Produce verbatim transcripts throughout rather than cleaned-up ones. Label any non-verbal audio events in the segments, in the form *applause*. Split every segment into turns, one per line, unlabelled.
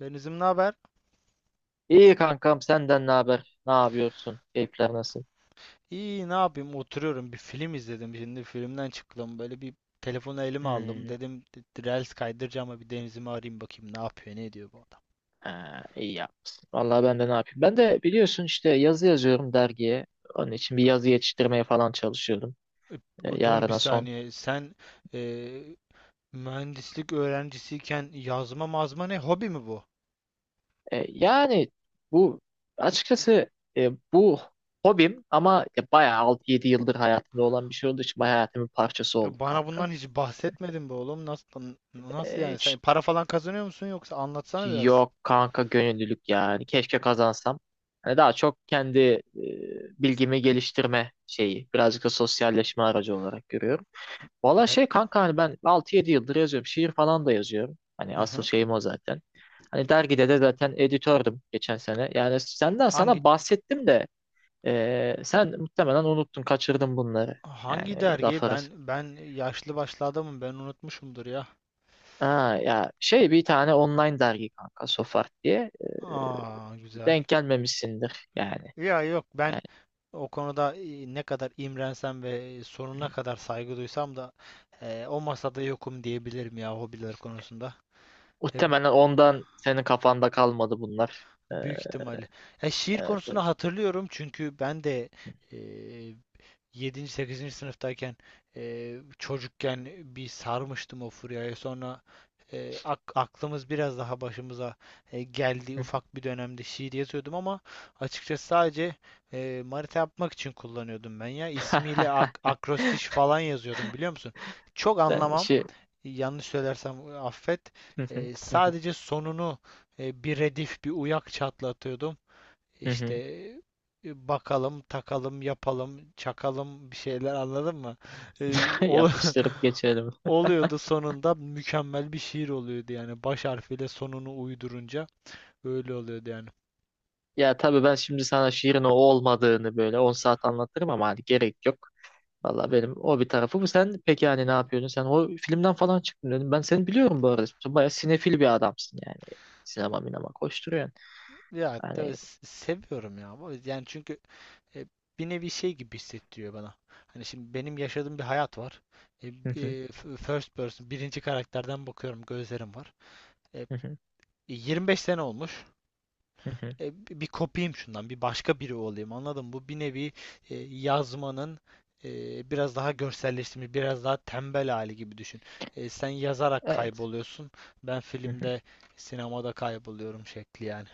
Denizim, ne haber?
İyi kankam senden ne haber? Ne yapıyorsun? Keyifler nasıl?
İyi, ne yapayım, oturuyorum, bir film izledim, şimdi filmden çıktım, böyle bir telefonu elime aldım,
Hmm,
dedim d- Reels kaydıracağım ama bir Denizim'i arayayım, bakayım ne yapıyor ne ediyor bu adam.
ha, iyi yapmışsın. Vallahi ben de ne yapayım? Ben de biliyorsun işte yazı yazıyorum dergiye. Onun için bir yazı yetiştirmeye falan çalışıyordum.
E,
E,
Dur bir
yarına son.
saniye sen, e, mühendislik öğrencisiyken yazma mazma ne, hobi mi bu?
E, yani bu açıkçası e, bu hobim ama ya bayağı altı yedi yıldır hayatımda olan bir şey olduğu için bayağı hayatımın parçası
E,
oldu
Bana
kanka.
bundan hiç bahsetmedin be oğlum. Nasıl nasıl
E,
yani, sen para falan kazanıyor musun, yoksa anlatsana biraz.
Yok kanka gönüllülük yani. Keşke kazansam. Hani daha çok kendi e, bilgimi geliştirme şeyi. Birazcık da sosyalleşme aracı olarak görüyorum. Valla
Ne?
şey kanka hani ben altı yedi yıldır yazıyorum. Şiir falan da yazıyorum. Hani
Hı
asıl
hı.
şeyim o zaten. Hani dergide de zaten editördüm geçen sene. Yani senden
Hangi
sana bahsettim de e, sen muhtemelen unuttun, kaçırdın bunları. Yani
hangi
öyle laf
dergi?
arası.
Ben ben yaşlı başlı adamım, ben unutmuşumdur ya.
Ha, ya şey bir tane online dergi kanka Sofart diye.
Aa,
E,
güzel.
denk gelmemişsindir yani.
Ya yok, ben
Yani
o konuda, e, ne kadar imrensem ve sonuna kadar saygı duysam da, e, o masada yokum diyebilirim ya, hobiler konusunda. E, b-
muhtemelen ondan senin kafanda kalmadı bunlar. Ee,
büyük ihtimalle. E, şiir
evet, evet.
konusunu hatırlıyorum çünkü ben de, e, yedinci. sekizinci sınıftayken, e, çocukken bir sarmıştım o furyaya. Sonra e, ak- aklımız biraz daha başımıza e, geldi. Ufak bir dönemde şiir yazıyordum ama açıkçası sadece, e, manita yapmak için kullanıyordum ben ya. İsmiyle ak-
*laughs*
akrostiş falan yazıyordum, biliyor musun? Çok
Ben
anlamam,
işi
yanlış söylersem affet. E,
*laughs*
sadece sonunu, e, bir redif, bir uyak çatlatıyordum. İşte e, bakalım, takalım, yapalım, çakalım bir şeyler, anladın mı? E, ol-
yapıştırıp geçelim.
*laughs* Oluyordu, sonunda mükemmel bir şiir oluyordu yani, baş harfiyle sonunu uydurunca öyle oluyordu yani.
Ya tabii ben şimdi sana şiirin o olmadığını böyle on saat anlatırım ama hani gerek yok. Valla benim o bir tarafı bu. Sen peki hani ne yapıyordun? Sen o filmden falan çıktın dedim. Ben seni biliyorum bu arada. Sen bayağı sinefil bir adamsın yani. Sinema minema koşturuyorsun.
Ya de-
Hani
s- seviyorum ya bu, yani çünkü e, bir nevi şey gibi hissettiriyor bana. Hani şimdi benim yaşadığım bir hayat var. E, e, f- first person, birinci karakterden bakıyorum, gözlerim var. E, yirmi beş sene olmuş. e, bir kopayım şundan, bir başka biri olayım. Anladın mı? Bu bir nevi e, yazmanın e, biraz daha görselleştirilmiş, biraz daha tembel hali gibi düşün. E, sen yazarak
*laughs* evet.
kayboluyorsun. Ben filmde, sinemada kayboluyorum şekli yani.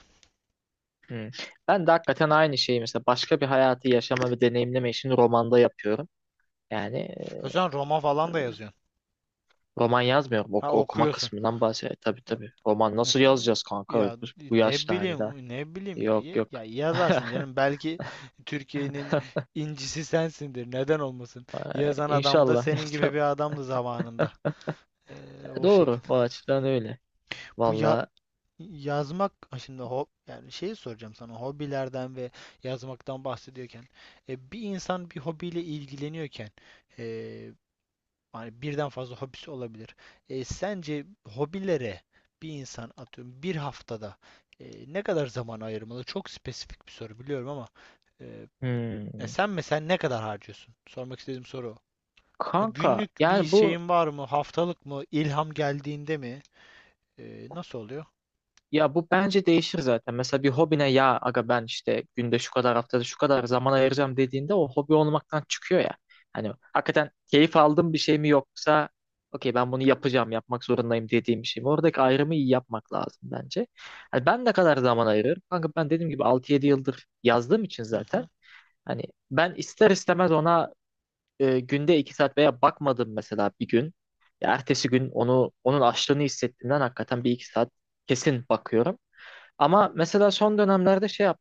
Hı. Ben de hakikaten aynı şeyi mesela başka bir hayatı yaşama ve deneyimleme işini romanda yapıyorum. Yani
O,
e,
sen roman falan da yazıyorsun.
roman yazmıyorum.
Ha,
Oku, okuma
okuyorsun.
kısmından bahsediyorum. E, Tabii
E,
tabii. Roman
evet.
nasıl yazacağız kanka? Bu,
Ya
bu
ne
yaşta hani daha.
bileyim, ne bileyim ya, ya
Yok yok.
ya yazarsın
*laughs*
canım. Belki Türkiye'nin incisi sensindir, neden olmasın?
Ay,
Yazan adam da
İnşallah. *laughs*
senin gibi
inşallah.
bir adamdı zamanında. Ee,
E,
o şekil.
Doğru. O açıdan öyle.
Bu ya
Valla.
yazmak. Ha, şimdi ho yani şeyi soracağım sana, hobilerden ve yazmaktan bahsediyorken, e, bir insan bir hobiyle ilgileniyorken e, hani birden fazla hobisi olabilir. E, sence hobilere bir insan, atıyorum bir haftada, e, ne kadar zaman ayırmalı? Çok spesifik bir soru biliyorum ama, e, ya
Hmm.
sen mesela ne kadar harcıyorsun? Sormak istediğim soru o. Ha,
Kanka
günlük bir
yani bu
şeyin var mı? Haftalık mı? İlham geldiğinde mi? E, nasıl oluyor?
Ya bu bence değişir zaten. Mesela bir hobine ya aga ben işte günde şu kadar haftada şu kadar zaman ayıracağım dediğinde o hobi olmaktan çıkıyor ya. Hani hakikaten keyif aldığım bir şey mi yoksa okey ben bunu yapacağım yapmak zorundayım dediğim bir şey mi? Oradaki ayrımı iyi yapmak lazım bence. Hani ben ne kadar zaman ayırırım? Kanka ben dediğim gibi altı yedi yıldır yazdığım için
Hı hı.
zaten hani ben ister istemez ona e, günde iki saat veya bakmadım mesela bir gün. Ya ertesi gün onu onun açlığını hissettiğimden hakikaten bir iki saat kesin bakıyorum. Ama mesela son dönemlerde şey yap.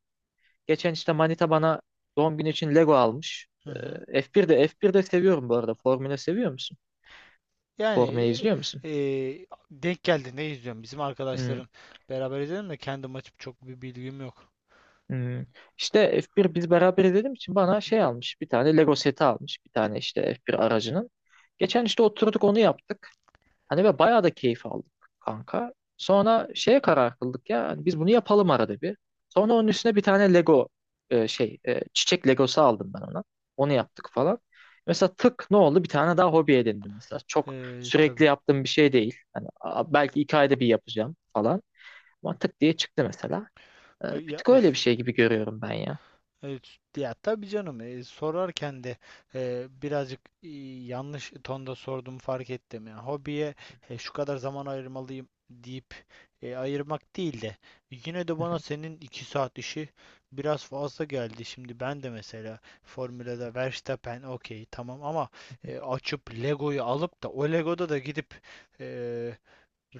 Geçen işte Manita bana doğum günü için Lego almış.
Hı
Ee,
hı.
ef birde ef birde seviyorum bu arada. Formula seviyor musun?
Yani
Formula izliyor musun?
e, e, denk geldi, ne izliyorum. Bizim
Hmm,
arkadaşların beraber izledim de kendim açıp çok bir bilgim yok.
hmm. İşte ef bir biz beraber izlediğim için
Hı
bana
hı.
şey almış. Bir tane Lego seti almış. Bir tane işte ef bir aracının. Geçen işte oturduk onu yaptık. Hani ve bayağı da keyif aldık kanka. Sonra şeye karar kıldık ya hani biz bunu yapalım arada bir. Sonra onun üstüne bir tane Lego e, şey e, çiçek Legosu aldım ben ona. Onu yaptık falan. Mesela tık ne oldu? Bir tane daha hobi edindim mesela. Çok
E,
sürekli
tabii.
yaptığım bir şey değil. Hani a- belki iki ayda bir yapacağım falan. Ama tık diye çıktı mesela. E,
E,
bir
Ya,
tık öyle bir şey gibi görüyorum ben ya.
evet, ya tabii canım, e, sorarken de, e, birazcık e, yanlış tonda sordum, fark ettim. Yani hobiye, e, şu kadar zaman ayırmalıyım deyip e, ayırmak değil de, yine de bana senin iki saat işi biraz fazla geldi. Şimdi ben de mesela Formula'da Verstappen, okey tamam, ama e, açıp Lego'yu alıp da o Lego'da da gidip e,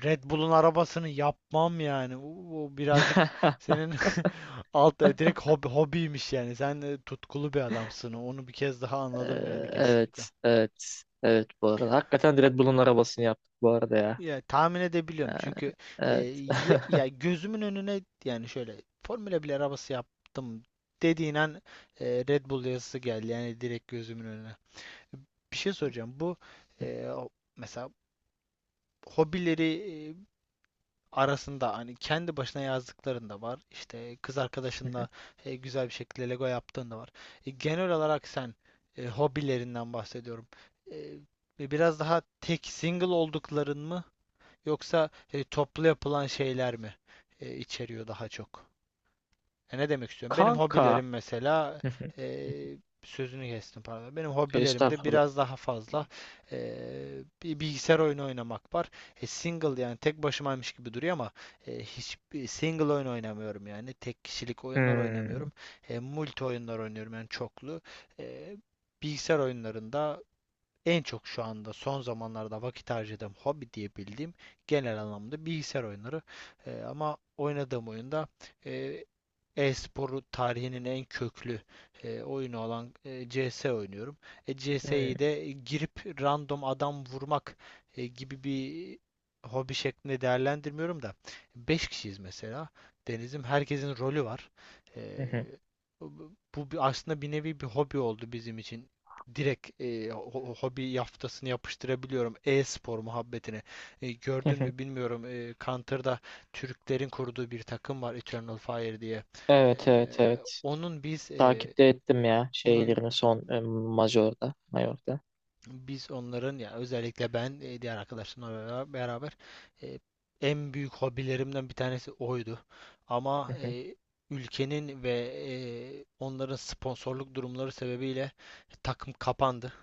Red Bull'un arabasını yapmam yani. O o birazcık
*laughs*
senin *laughs* alt direkt hobi, hobiymiş yani. Sen e, tutkulu bir adamsın, onu bir kez daha
Ee,
anladım yani, kesinlikle.
evet, evet, evet bu arada. Hakikaten Red Bull'un arabasını yaptık bu arada ya.
Ya tahmin edebiliyorum,
Ee,
çünkü e,
evet.
ya,
*laughs*
ya gözümün önüne yani şöyle Formula bir arabası yaptım dediğin an, e, Red Bull yazısı geldi yani direkt gözümün önüne. Bir şey soracağım. Bu e, o- mesela hobileri e, arasında hani kendi başına yazdıkların da var. İşte kız arkadaşınla e, güzel bir şekilde Lego yaptığın da var. E, genel olarak sen, e, hobilerinden bahsediyorum. E, biraz daha tek single oldukların mı, yoksa e, toplu yapılan şeyler mi e, içeriyor daha çok? E, ne demek istiyorum? Benim
Kanka.
hobilerim mesela,
*laughs*
e, sözünü kestim, pardon. Benim hobilerimde
Estağfurullah.
biraz daha fazla e, bir bilgisayar oyunu oynamak var. E, single, yani tek başımaymış gibi duruyor ama e, hiçbir single oyun oynamıyorum yani, tek kişilik oyunlar
Hmm,
oynamıyorum. E, multi oyunlar oynuyorum, yani çoklu. E, bilgisayar oyunlarında en çok şu anda son zamanlarda vakit harcadığım hobi diyebildiğim, genel anlamda bilgisayar oyunları. E, ama oynadığım oyunda e, e-sporu tarihinin en köklü e, oyunu olan e, C S oynuyorum. E,
hmm,
C S'yi de girip random adam vurmak e, gibi bir hobi şeklinde değerlendirmiyorum da, beş kişiyiz mesela. Deniz'im, herkesin rolü var. E, Bu bir- aslında bir nevi bir hobi oldu bizim için. Direkt e, ho- hobi yaftasını yapıştırabiliyorum e-spor muhabbetine. E, gördün mü
*laughs*
bilmiyorum. E, Counter'da Türklerin kurduğu bir takım var, Eternal Fire diye.
Evet, evet,
Eee,
evet.
onun biz eee,
Takipte ettim ya
onun
şeylerini son e, Major'da, Major'da.
biz onların ya özellikle ben, eee, diğer arkadaşlarımla bera- beraber, eee, en büyük hobilerimden bir tanesi oydu. Ama
*laughs*
eee, ülkenin ve eee, onların sponsorluk durumları sebebiyle takım kapandı.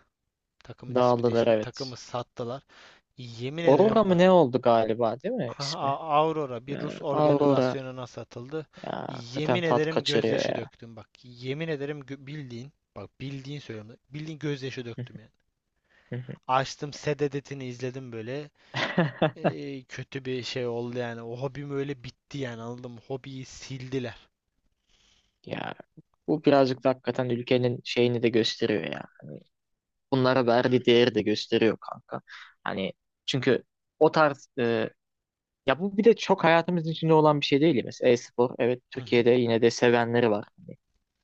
Takımın ismi
Dağıldılar
değişti, takımı
evet.
sattılar. Yemin ederim,
Aurora mı
bak.
ne oldu galiba değil mi
Aha,
ismi?
A- Aurora
Ee,
bir Rus
Aurora
organizasyonuna satıldı.
ya hakikaten
Yemin
tat
ederim,
kaçırıyor
gözyaşı
ya.
döktüm bak. Yemin ederim gö- bildiğin, bak bildiğin söylüyorum, bildiğin gözyaşı döktüm yani.
Hı hı.
Açtım Sededet'ini izledim böyle.
*laughs*
Ee, kötü bir şey oldu yani. O hobim öyle bitti yani, anladın mı? Hobiyi sildiler.
Ya bu birazcık da hakikaten ülkenin şeyini de gösteriyor ya. Hani bunlara verdiği değeri de gösteriyor kanka. Hani çünkü o tarz e, ya bu bir de çok hayatımızın içinde olan bir şey değil ya. Mesela e-spor evet
Hı hı.
Türkiye'de yine de sevenleri var. Hani,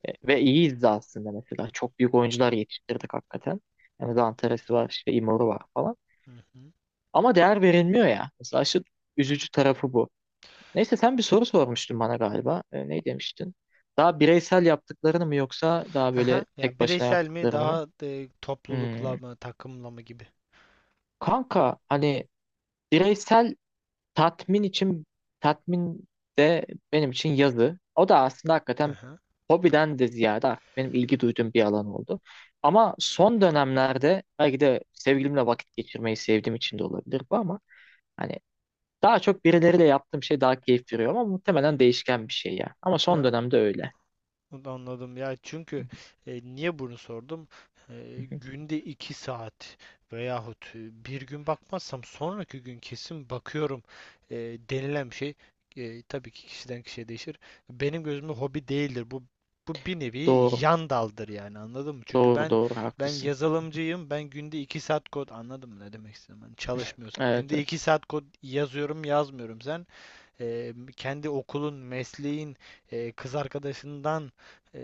e, ve iyiyiz de aslında mesela. Çok büyük oyuncular yetiştirdik hakikaten. Yani Zantaresi var işte Imoru var falan.
Hı hı.
Ama değer verilmiyor ya. Mesela şu üzücü tarafı bu. Neyse sen bir soru sormuştun bana galiba. E, ne demiştin? Daha bireysel yaptıklarını mı yoksa daha böyle
Aha. Ya,
tek başına
bireysel mi
yaptıklarını mı?
daha, e, toplulukla
Hmm.
mı, takımla mı gibi.
Kanka hani bireysel tatmin için tatmin de benim için yazı. O da aslında hakikaten
Aha.
hobiden de ziyade artık benim ilgi duyduğum bir alan oldu. Ama son dönemlerde belki de sevgilimle vakit geçirmeyi sevdiğim için de olabilir bu ama hani daha çok birileriyle yaptığım şey daha keyif veriyor ama muhtemelen değişken bir şey ya. Ama son
Ya,
dönemde öyle.
anladım. Ya çünkü, e, niye bunu sordum?
Hı
E,
hı.
günde iki saat veyahut e, bir gün bakmazsam sonraki gün kesin bakıyorum e, denilen bir şey, e, tabii ki kişiden kişiye değişir. Benim gözümde hobi değildir. Bu bu bir nevi
Doğru.
yan daldır yani, anladın mı? Çünkü
Doğru
ben
doğru
ben
haklısın.
yazılımcıyım. Ben günde iki saat kod, anladım ne demek istedim. Ben çalışmıyorsam
Evet,
günde
evet.
iki saat kod yazıyorum, yazmıyorum. Sen e, kendi okulun, mesleğin, e, kız arkadaşından e,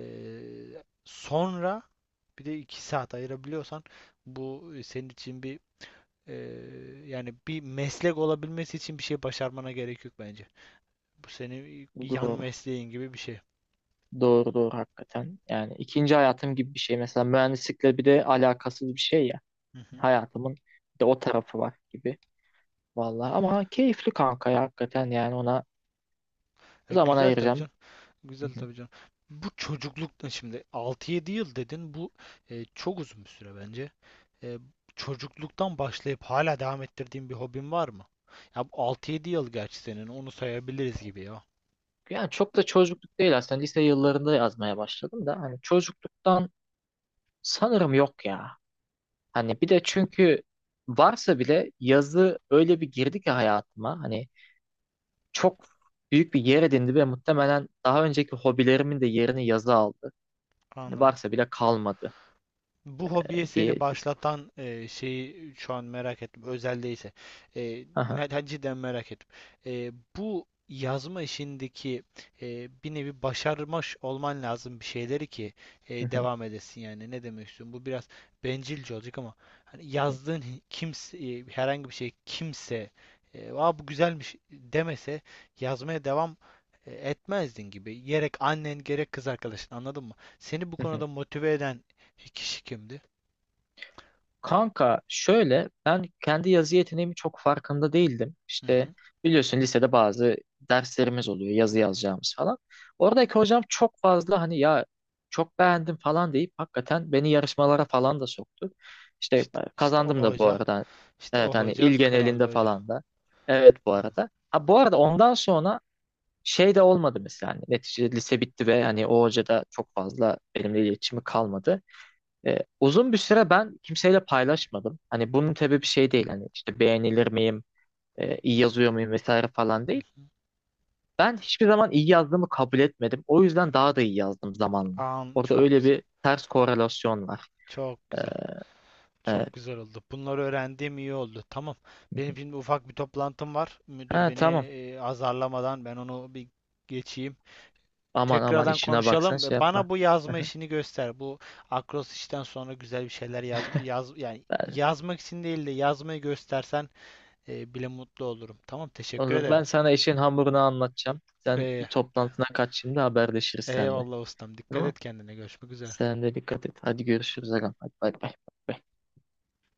sonra bir de iki saat ayırabiliyorsan, bu senin için bir, e, yani bir meslek olabilmesi için bir şey başarmana gerek yok bence. Bu senin yan
Doğru.
mesleğin gibi bir şey.
Doğru doğru hakikaten. Yani ikinci hayatım gibi bir şey. Mesela mühendislikle bir de alakasız bir şey ya.
Hı hı.
Hayatımın bir de o tarafı var gibi. Vallahi ama keyifli kanka ya hakikaten yani ona
E,
zaman
güzel tabii
ayıracağım.
canım.
Hı
Güzel
hı.
tabii canım. Bu çocuklukta şimdi altı yedi yıl dedin. Bu e, çok uzun bir süre bence. E, çocukluktan başlayıp hala devam ettirdiğin bir hobin var mı? Ya bu altı yedi yıl gerçi senin, onu sayabiliriz gibi ya.
Yani çok da çocukluk değil aslında. Lise yıllarında yazmaya başladım da hani çocukluktan sanırım yok ya. Hani bir de çünkü varsa bile yazı öyle bir girdi ki hayatıma. Hani çok büyük bir yer edindi ve muhtemelen daha önceki hobilerimin de yerini yazı aldı. Hani
Anladım.
varsa bile kalmadı
Bu hobiye
diye.
seni başlatan e, şeyi şu an merak ettim, özel değilse. E,
Aha.
me- ha, cidden merak ettim. E, bu yazma işindeki, e, bir nevi başarmış olman lazım bir şeyleri ki e, devam edesin yani. Ne demek istiyorum? Bu biraz bencilce olacak ama hani yazdığın
*laughs*
hi- kimse, e, herhangi bir şey, kimse e, Aa, bu güzelmiş demese, yazmaya devam e, etmezdin gibi. Gerek annen, gerek kız arkadaşın, anladın mı? Seni bu konuda motive eden İki kişi kimdi?
Kanka şöyle ben kendi yazı yeteneğimi çok farkında değildim.
Hı
İşte
hı.
biliyorsun lisede bazı derslerimiz oluyor yazı yazacağımız falan. Oradaki hocam çok fazla hani ya çok beğendim falan deyip hakikaten beni yarışmalara falan da soktu. İşte
İşte, işte o
kazandım da bu
hoca.
arada.
İşte
Evet
o
hani il
hoca, kral
genelinde
bir hoca.
falan da. Evet bu arada. Ha bu arada ondan sonra şey de olmadı mesela. Hani neticede lise bitti ve hani o hoca da çok fazla benimle iletişimi kalmadı. E, uzun bir süre ben kimseyle paylaşmadım. Hani bunun sebebi şey değil. Hani işte beğenilir miyim, e, iyi yazıyor muyum vesaire falan
Hı
değil.
hı.
Ben hiçbir zaman iyi yazdığımı kabul etmedim. O yüzden daha da iyi yazdım zamanla.
An,
Orada
çok
öyle
güzel.
bir ters korelasyon var.
Çok
Ee,
güzel. Çok
Evet.
güzel oldu, bunları öğrendiğim iyi oldu. Tamam. Benim şimdi ufak bir toplantım var, müdür
Ha
beni
tamam.
e, azarlamadan ben onu bir geçeyim.
Aman aman
Tekrardan
işine baksan
konuşalım.
şey
E, Bana
yapma.
bu yazma
*laughs*
işini göster. Bu akros işten sonra güzel bir şeyler yaz, yaz yani,
Ben,
yazmak için değil de yazmayı göstersen e, bile mutlu olurum. Tamam, teşekkür
olur.
ederim.
Ben sana işin hamurunu anlatacağım. Sen
E,
bir toplantına kaç şimdi haberleşiriz seninle.
Eyvallah ustam, dikkat
Tamam.
et kendine. Görüşmek üzere.
Sen de dikkat et. Hadi görüşürüz. Agam. Hadi bay bay. Bay bay.